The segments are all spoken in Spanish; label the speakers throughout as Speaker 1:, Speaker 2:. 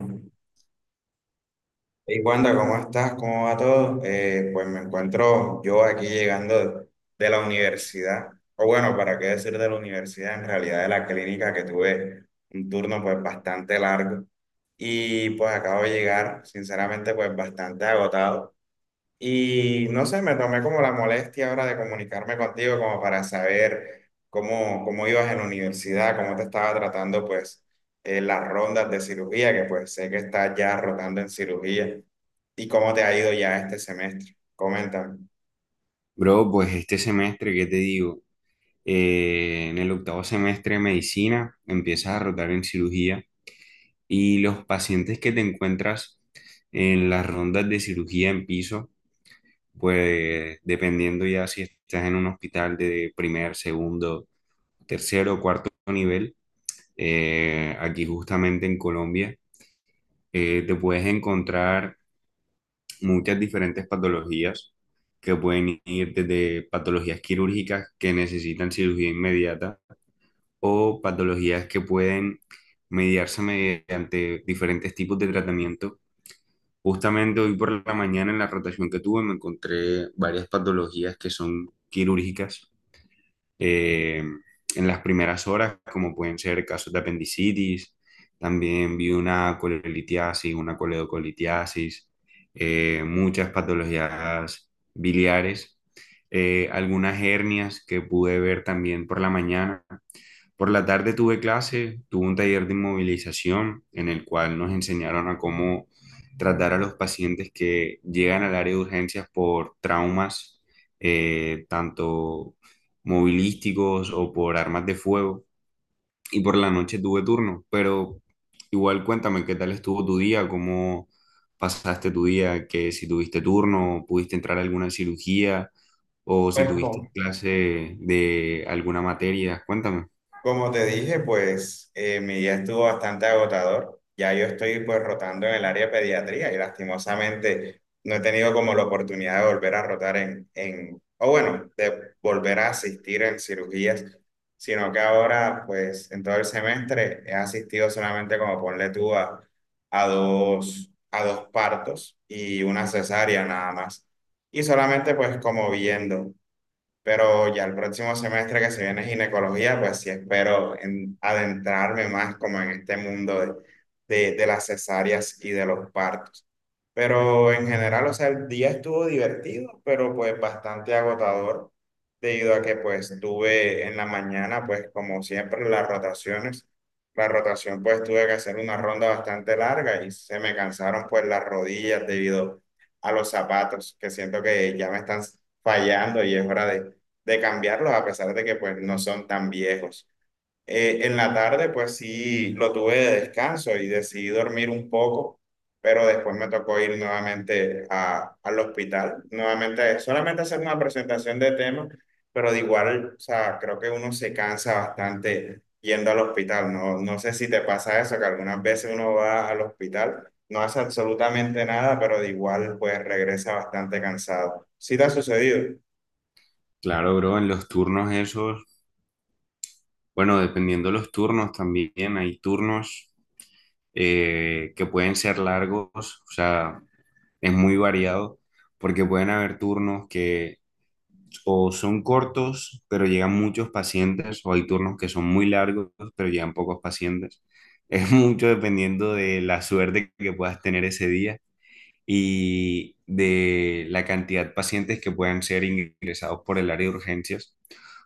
Speaker 1: Hey Wanda, ¿cómo estás? ¿Cómo va todo? Pues me encuentro yo aquí llegando de la universidad, o bueno, para qué decir de la universidad, en realidad de la clínica que tuve un turno pues bastante largo y pues acabo de llegar, sinceramente pues bastante agotado. Y no sé, me tomé como la molestia ahora de comunicarme contigo como para saber cómo ibas en la universidad, cómo te estaba tratando pues las rondas de cirugía, que pues sé que estás ya rotando en cirugía, y cómo te ha ido ya este semestre. Coméntame.
Speaker 2: Bro, pues este semestre, ¿qué te digo? En el octavo semestre de medicina empiezas a rotar en cirugía y los pacientes que te encuentras en las rondas de cirugía en piso, pues dependiendo ya si estás en un hospital de primer, segundo, tercero o cuarto nivel, aquí justamente en Colombia, te puedes encontrar muchas diferentes patologías que pueden ir desde patologías quirúrgicas que necesitan cirugía inmediata o patologías que pueden mediarse mediante diferentes tipos de tratamiento. Justamente hoy por la mañana en la rotación que tuve me encontré varias patologías que son quirúrgicas eh, en las primeras horas, como pueden ser casos de apendicitis. También vi una colelitiasis, una coledocolitiasis, muchas patologías biliares, algunas hernias que pude ver también por la mañana. Por la tarde tuve clase, tuve un taller de inmovilización en el cual nos enseñaron a cómo tratar a los pacientes que llegan al área de urgencias por traumas, tanto movilísticos o por armas de fuego. Y por la noche tuve turno, pero igual cuéntame qué tal estuvo tu día, cómo pasaste tu día, que si tuviste turno, pudiste entrar a alguna cirugía o si
Speaker 1: Pues,
Speaker 2: tuviste clase de alguna materia, cuéntame.
Speaker 1: como te dije, pues mi día estuvo bastante agotador. Ya yo estoy pues rotando en el área de pediatría y lastimosamente no he tenido como la oportunidad de volver a rotar en o bueno, de volver a asistir en cirugías, sino que ahora pues en todo el semestre he asistido solamente como ponle tú a dos partos y una cesárea nada más. Y solamente pues como viendo. Pero ya el próximo semestre que se viene ginecología, pues sí espero adentrarme más como en este mundo de las cesáreas y de los partos. Pero en general, o sea, el día estuvo divertido, pero pues bastante agotador, debido a que pues tuve en la mañana, pues como siempre, las rotaciones. La rotación pues tuve que hacer una ronda bastante larga y se me cansaron pues las rodillas debido a los zapatos, que siento que ya me están fallando y es hora de cambiarlos a pesar de que pues no son tan viejos. En la tarde pues sí lo tuve de descanso y decidí dormir un poco, pero después me tocó ir nuevamente al hospital, nuevamente solamente hacer una presentación de temas, pero de igual, o sea, creo que uno se cansa bastante yendo al hospital. No, no sé si te pasa eso, que algunas veces uno va al hospital, no hace absolutamente nada, pero de igual pues regresa bastante cansado. ¿Sí te ha sucedido?
Speaker 2: Claro, bro, en los turnos esos, bueno, dependiendo de los turnos también, hay turnos que pueden ser largos, o sea, es muy variado, porque pueden haber turnos que o son cortos, pero llegan muchos pacientes, o hay turnos que son muy largos, pero llegan pocos pacientes. Es mucho dependiendo de la suerte que puedas tener ese día, y de la cantidad de pacientes que puedan ser ingresados por el área de urgencias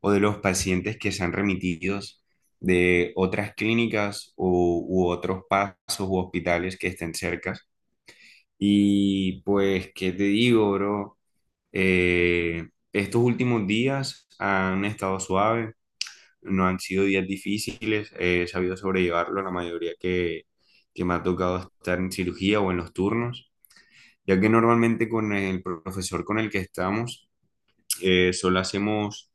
Speaker 2: o de los pacientes que sean remitidos de otras clínicas u otros pasos u hospitales que estén cerca. Y pues, ¿qué te digo, bro? Estos últimos días han estado suaves, no han sido días difíciles, he sabido sobrellevarlo la mayoría que me ha tocado estar en cirugía o en los turnos ya que normalmente con el profesor con el que estamos, solo hacemos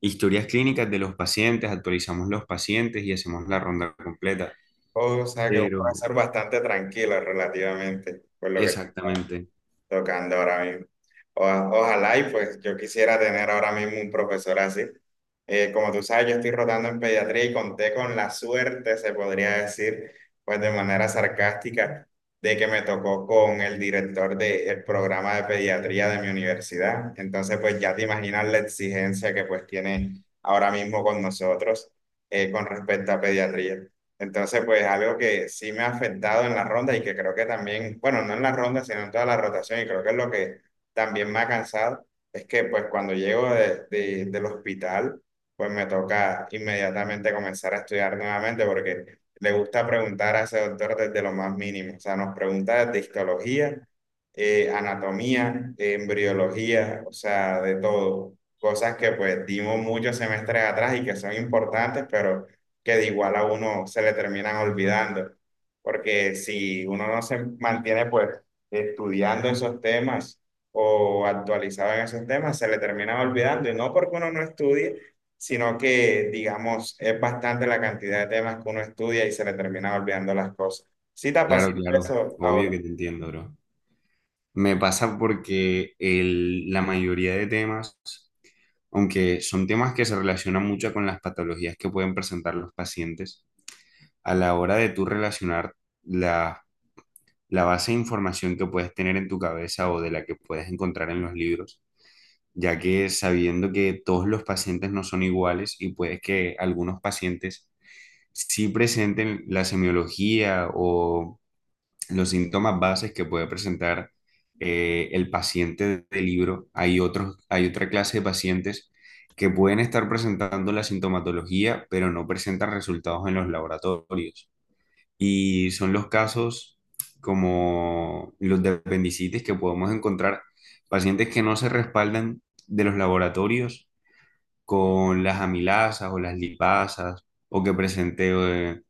Speaker 2: historias clínicas de los pacientes, actualizamos los pacientes y hacemos la ronda completa.
Speaker 1: O sea, que un
Speaker 2: Pero,
Speaker 1: profesor bastante tranquilo relativamente, pues lo que estoy
Speaker 2: exactamente,
Speaker 1: tocando ahora mismo. Ojalá y pues yo quisiera tener ahora mismo un profesor así. Como tú sabes, yo estoy rotando en pediatría y conté con la suerte, se podría decir, pues de manera sarcástica, de que me tocó con el director del programa de pediatría de mi universidad. Entonces, pues ya te imaginas la exigencia que pues tiene ahora mismo con nosotros con respecto a pediatría. Entonces, pues algo que sí me ha afectado en la ronda y que creo que también, bueno, no en la ronda, sino en toda la rotación, y creo que es lo que también me ha cansado, es que pues cuando llego del hospital, pues me toca inmediatamente comenzar a estudiar nuevamente porque le gusta preguntar a ese doctor desde lo más mínimo, o sea, nos pregunta desde histología, anatomía, embriología, o sea, de todo, cosas que pues dimos muchos semestres atrás y que son importantes, pero que de igual a uno se le terminan olvidando, porque si uno no se mantiene pues estudiando esos temas o actualizado en esos temas, se le terminan olvidando, y no porque uno no estudie, sino que, digamos, es bastante la cantidad de temas que uno estudia y se le terminan olvidando las cosas. ¿Sí te ha
Speaker 2: claro,
Speaker 1: pasado
Speaker 2: claro,
Speaker 1: eso
Speaker 2: obvio
Speaker 1: ahora?
Speaker 2: que te entiendo, bro. Me pasa porque la mayoría de temas, aunque son temas que se relacionan mucho con las patologías que pueden presentar los pacientes, a la hora de tú relacionar las la base de información que puedes tener en tu cabeza o de la que puedes encontrar en los libros, ya que sabiendo que todos los pacientes no son iguales y puede que algunos pacientes sí presenten la semiología o los síntomas bases que puede presentar el paciente del libro, hay otra clase de pacientes que pueden estar presentando la sintomatología, pero no presentan resultados en los laboratorios y son los casos como los de apendicitis que podemos encontrar, pacientes que no se respaldan de los laboratorios con las amilasas o las lipasas o que presente eh,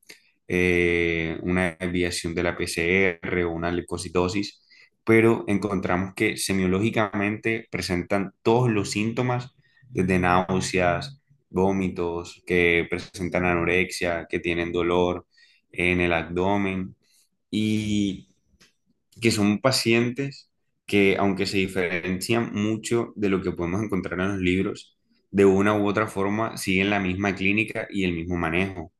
Speaker 2: una desviación de la PCR o una leucocitosis, pero encontramos que semiológicamente presentan todos los síntomas, desde náuseas, vómitos, que presentan anorexia, que tienen dolor en el abdomen y que son pacientes que, aunque se diferencian mucho de lo que podemos encontrar en los libros, de una u otra forma siguen la misma clínica y el mismo manejo.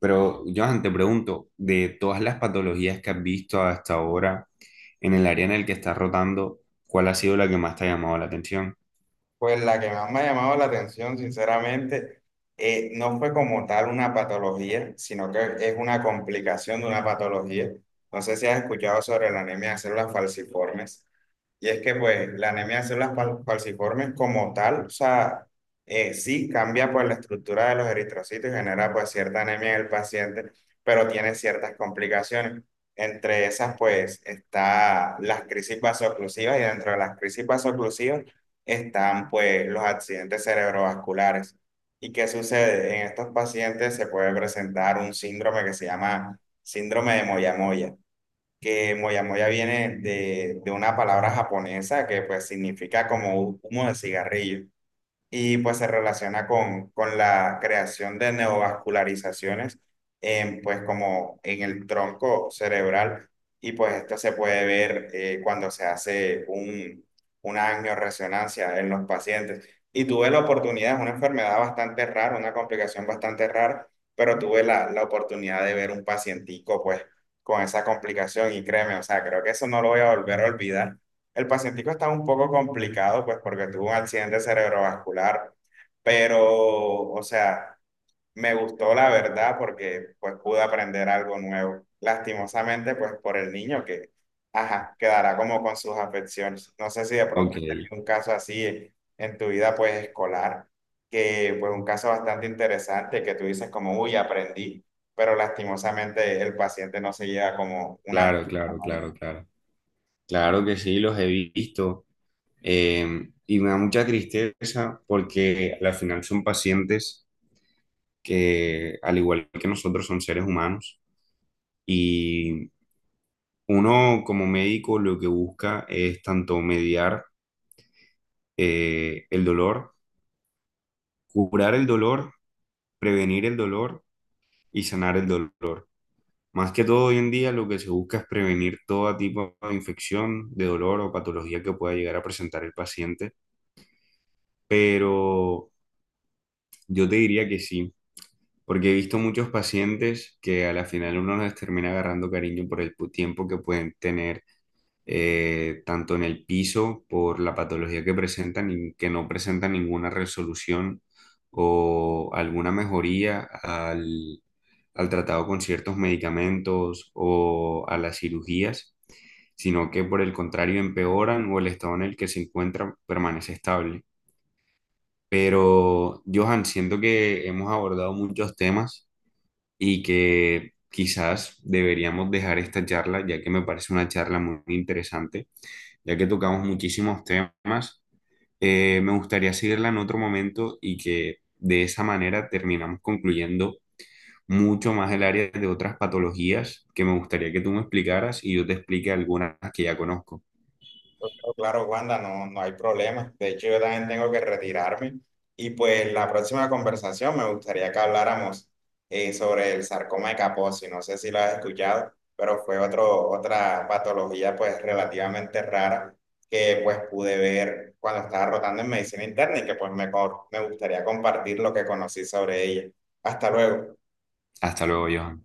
Speaker 2: Pero, Johan, te pregunto, de todas las patologías que has visto hasta ahora en el área en el que estás rotando, ¿cuál ha sido la que más te ha llamado la atención?
Speaker 1: Pues la que más me ha llamado la atención, sinceramente, no fue como tal una patología, sino que es una complicación de una patología. No sé si has escuchado sobre la anemia de células falciformes. Y es que pues la anemia de células falciformes como tal, o sea, sí cambia pues la estructura de los eritrocitos y genera pues cierta anemia en el paciente, pero tiene ciertas complicaciones. Entre esas pues está las crisis vasoclusivas y dentro de las crisis vasoclusivas están pues los accidentes cerebrovasculares. ¿Y qué sucede? En estos pacientes se puede presentar un síndrome que se llama síndrome de Moyamoya, que moyamoya viene de una palabra japonesa que pues significa como humo de cigarrillo y pues se relaciona con la creación de neovascularizaciones en, pues como en el tronco cerebral, y pues esto se puede ver cuando se hace una angioresonancia en los pacientes. Y tuve la oportunidad, es una enfermedad bastante rara, una complicación bastante rara, pero tuve la oportunidad de ver un pacientico pues con esa complicación y créeme, o sea, creo que eso no lo voy a volver a olvidar. El pacientico está un poco complicado, pues, porque tuvo un accidente cerebrovascular, pero, o sea, me gustó la verdad porque, pues, pude aprender algo nuevo. Lastimosamente, pues, por el niño que, ajá, quedará como con sus afecciones. No sé si de pronto
Speaker 2: Ok,
Speaker 1: has tenido un caso así en tu vida, pues, escolar, que, pues, un caso bastante interesante que tú dices como, uy, aprendí, pero lastimosamente el paciente no se lleva como una.
Speaker 2: claro, claro, claro, claro. Claro que sí, los he visto. Y me da mucha tristeza porque al final son pacientes que, al igual que nosotros, son seres humanos. Y uno como médico lo que busca es tanto mediar el dolor, curar el dolor, prevenir el dolor y sanar el dolor. Más que todo hoy en día lo que se busca es prevenir todo tipo de infección, de dolor o patología que pueda llegar a presentar el paciente, pero yo te diría que sí, porque he visto muchos pacientes que a la final uno les termina agarrando cariño por el tiempo que pueden tener, tanto en el piso por la patología que presentan y que no presentan ninguna resolución o alguna mejoría al tratado con ciertos medicamentos o a las cirugías, sino que por el contrario empeoran o el estado en el que se encuentran permanece estable. Pero, Johan, siento que hemos abordado muchos temas y que quizás deberíamos dejar esta charla, ya que me parece una charla muy interesante ya que tocamos muchísimos temas. Me gustaría seguirla en otro momento y que de esa manera terminamos concluyendo mucho más el área de otras patologías que me gustaría que tú me explicaras y yo te explique algunas que ya conozco.
Speaker 1: Claro, claro, Wanda, no, no hay problema. De hecho, yo también tengo que retirarme. Y pues la próxima conversación me gustaría que habláramos sobre el sarcoma de Kaposi. No sé si lo has escuchado, pero fue otra patología pues relativamente rara que pues pude ver cuando estaba rotando en medicina interna y que pues me gustaría compartir lo que conocí sobre ella. Hasta luego.
Speaker 2: Hasta luego, Johan.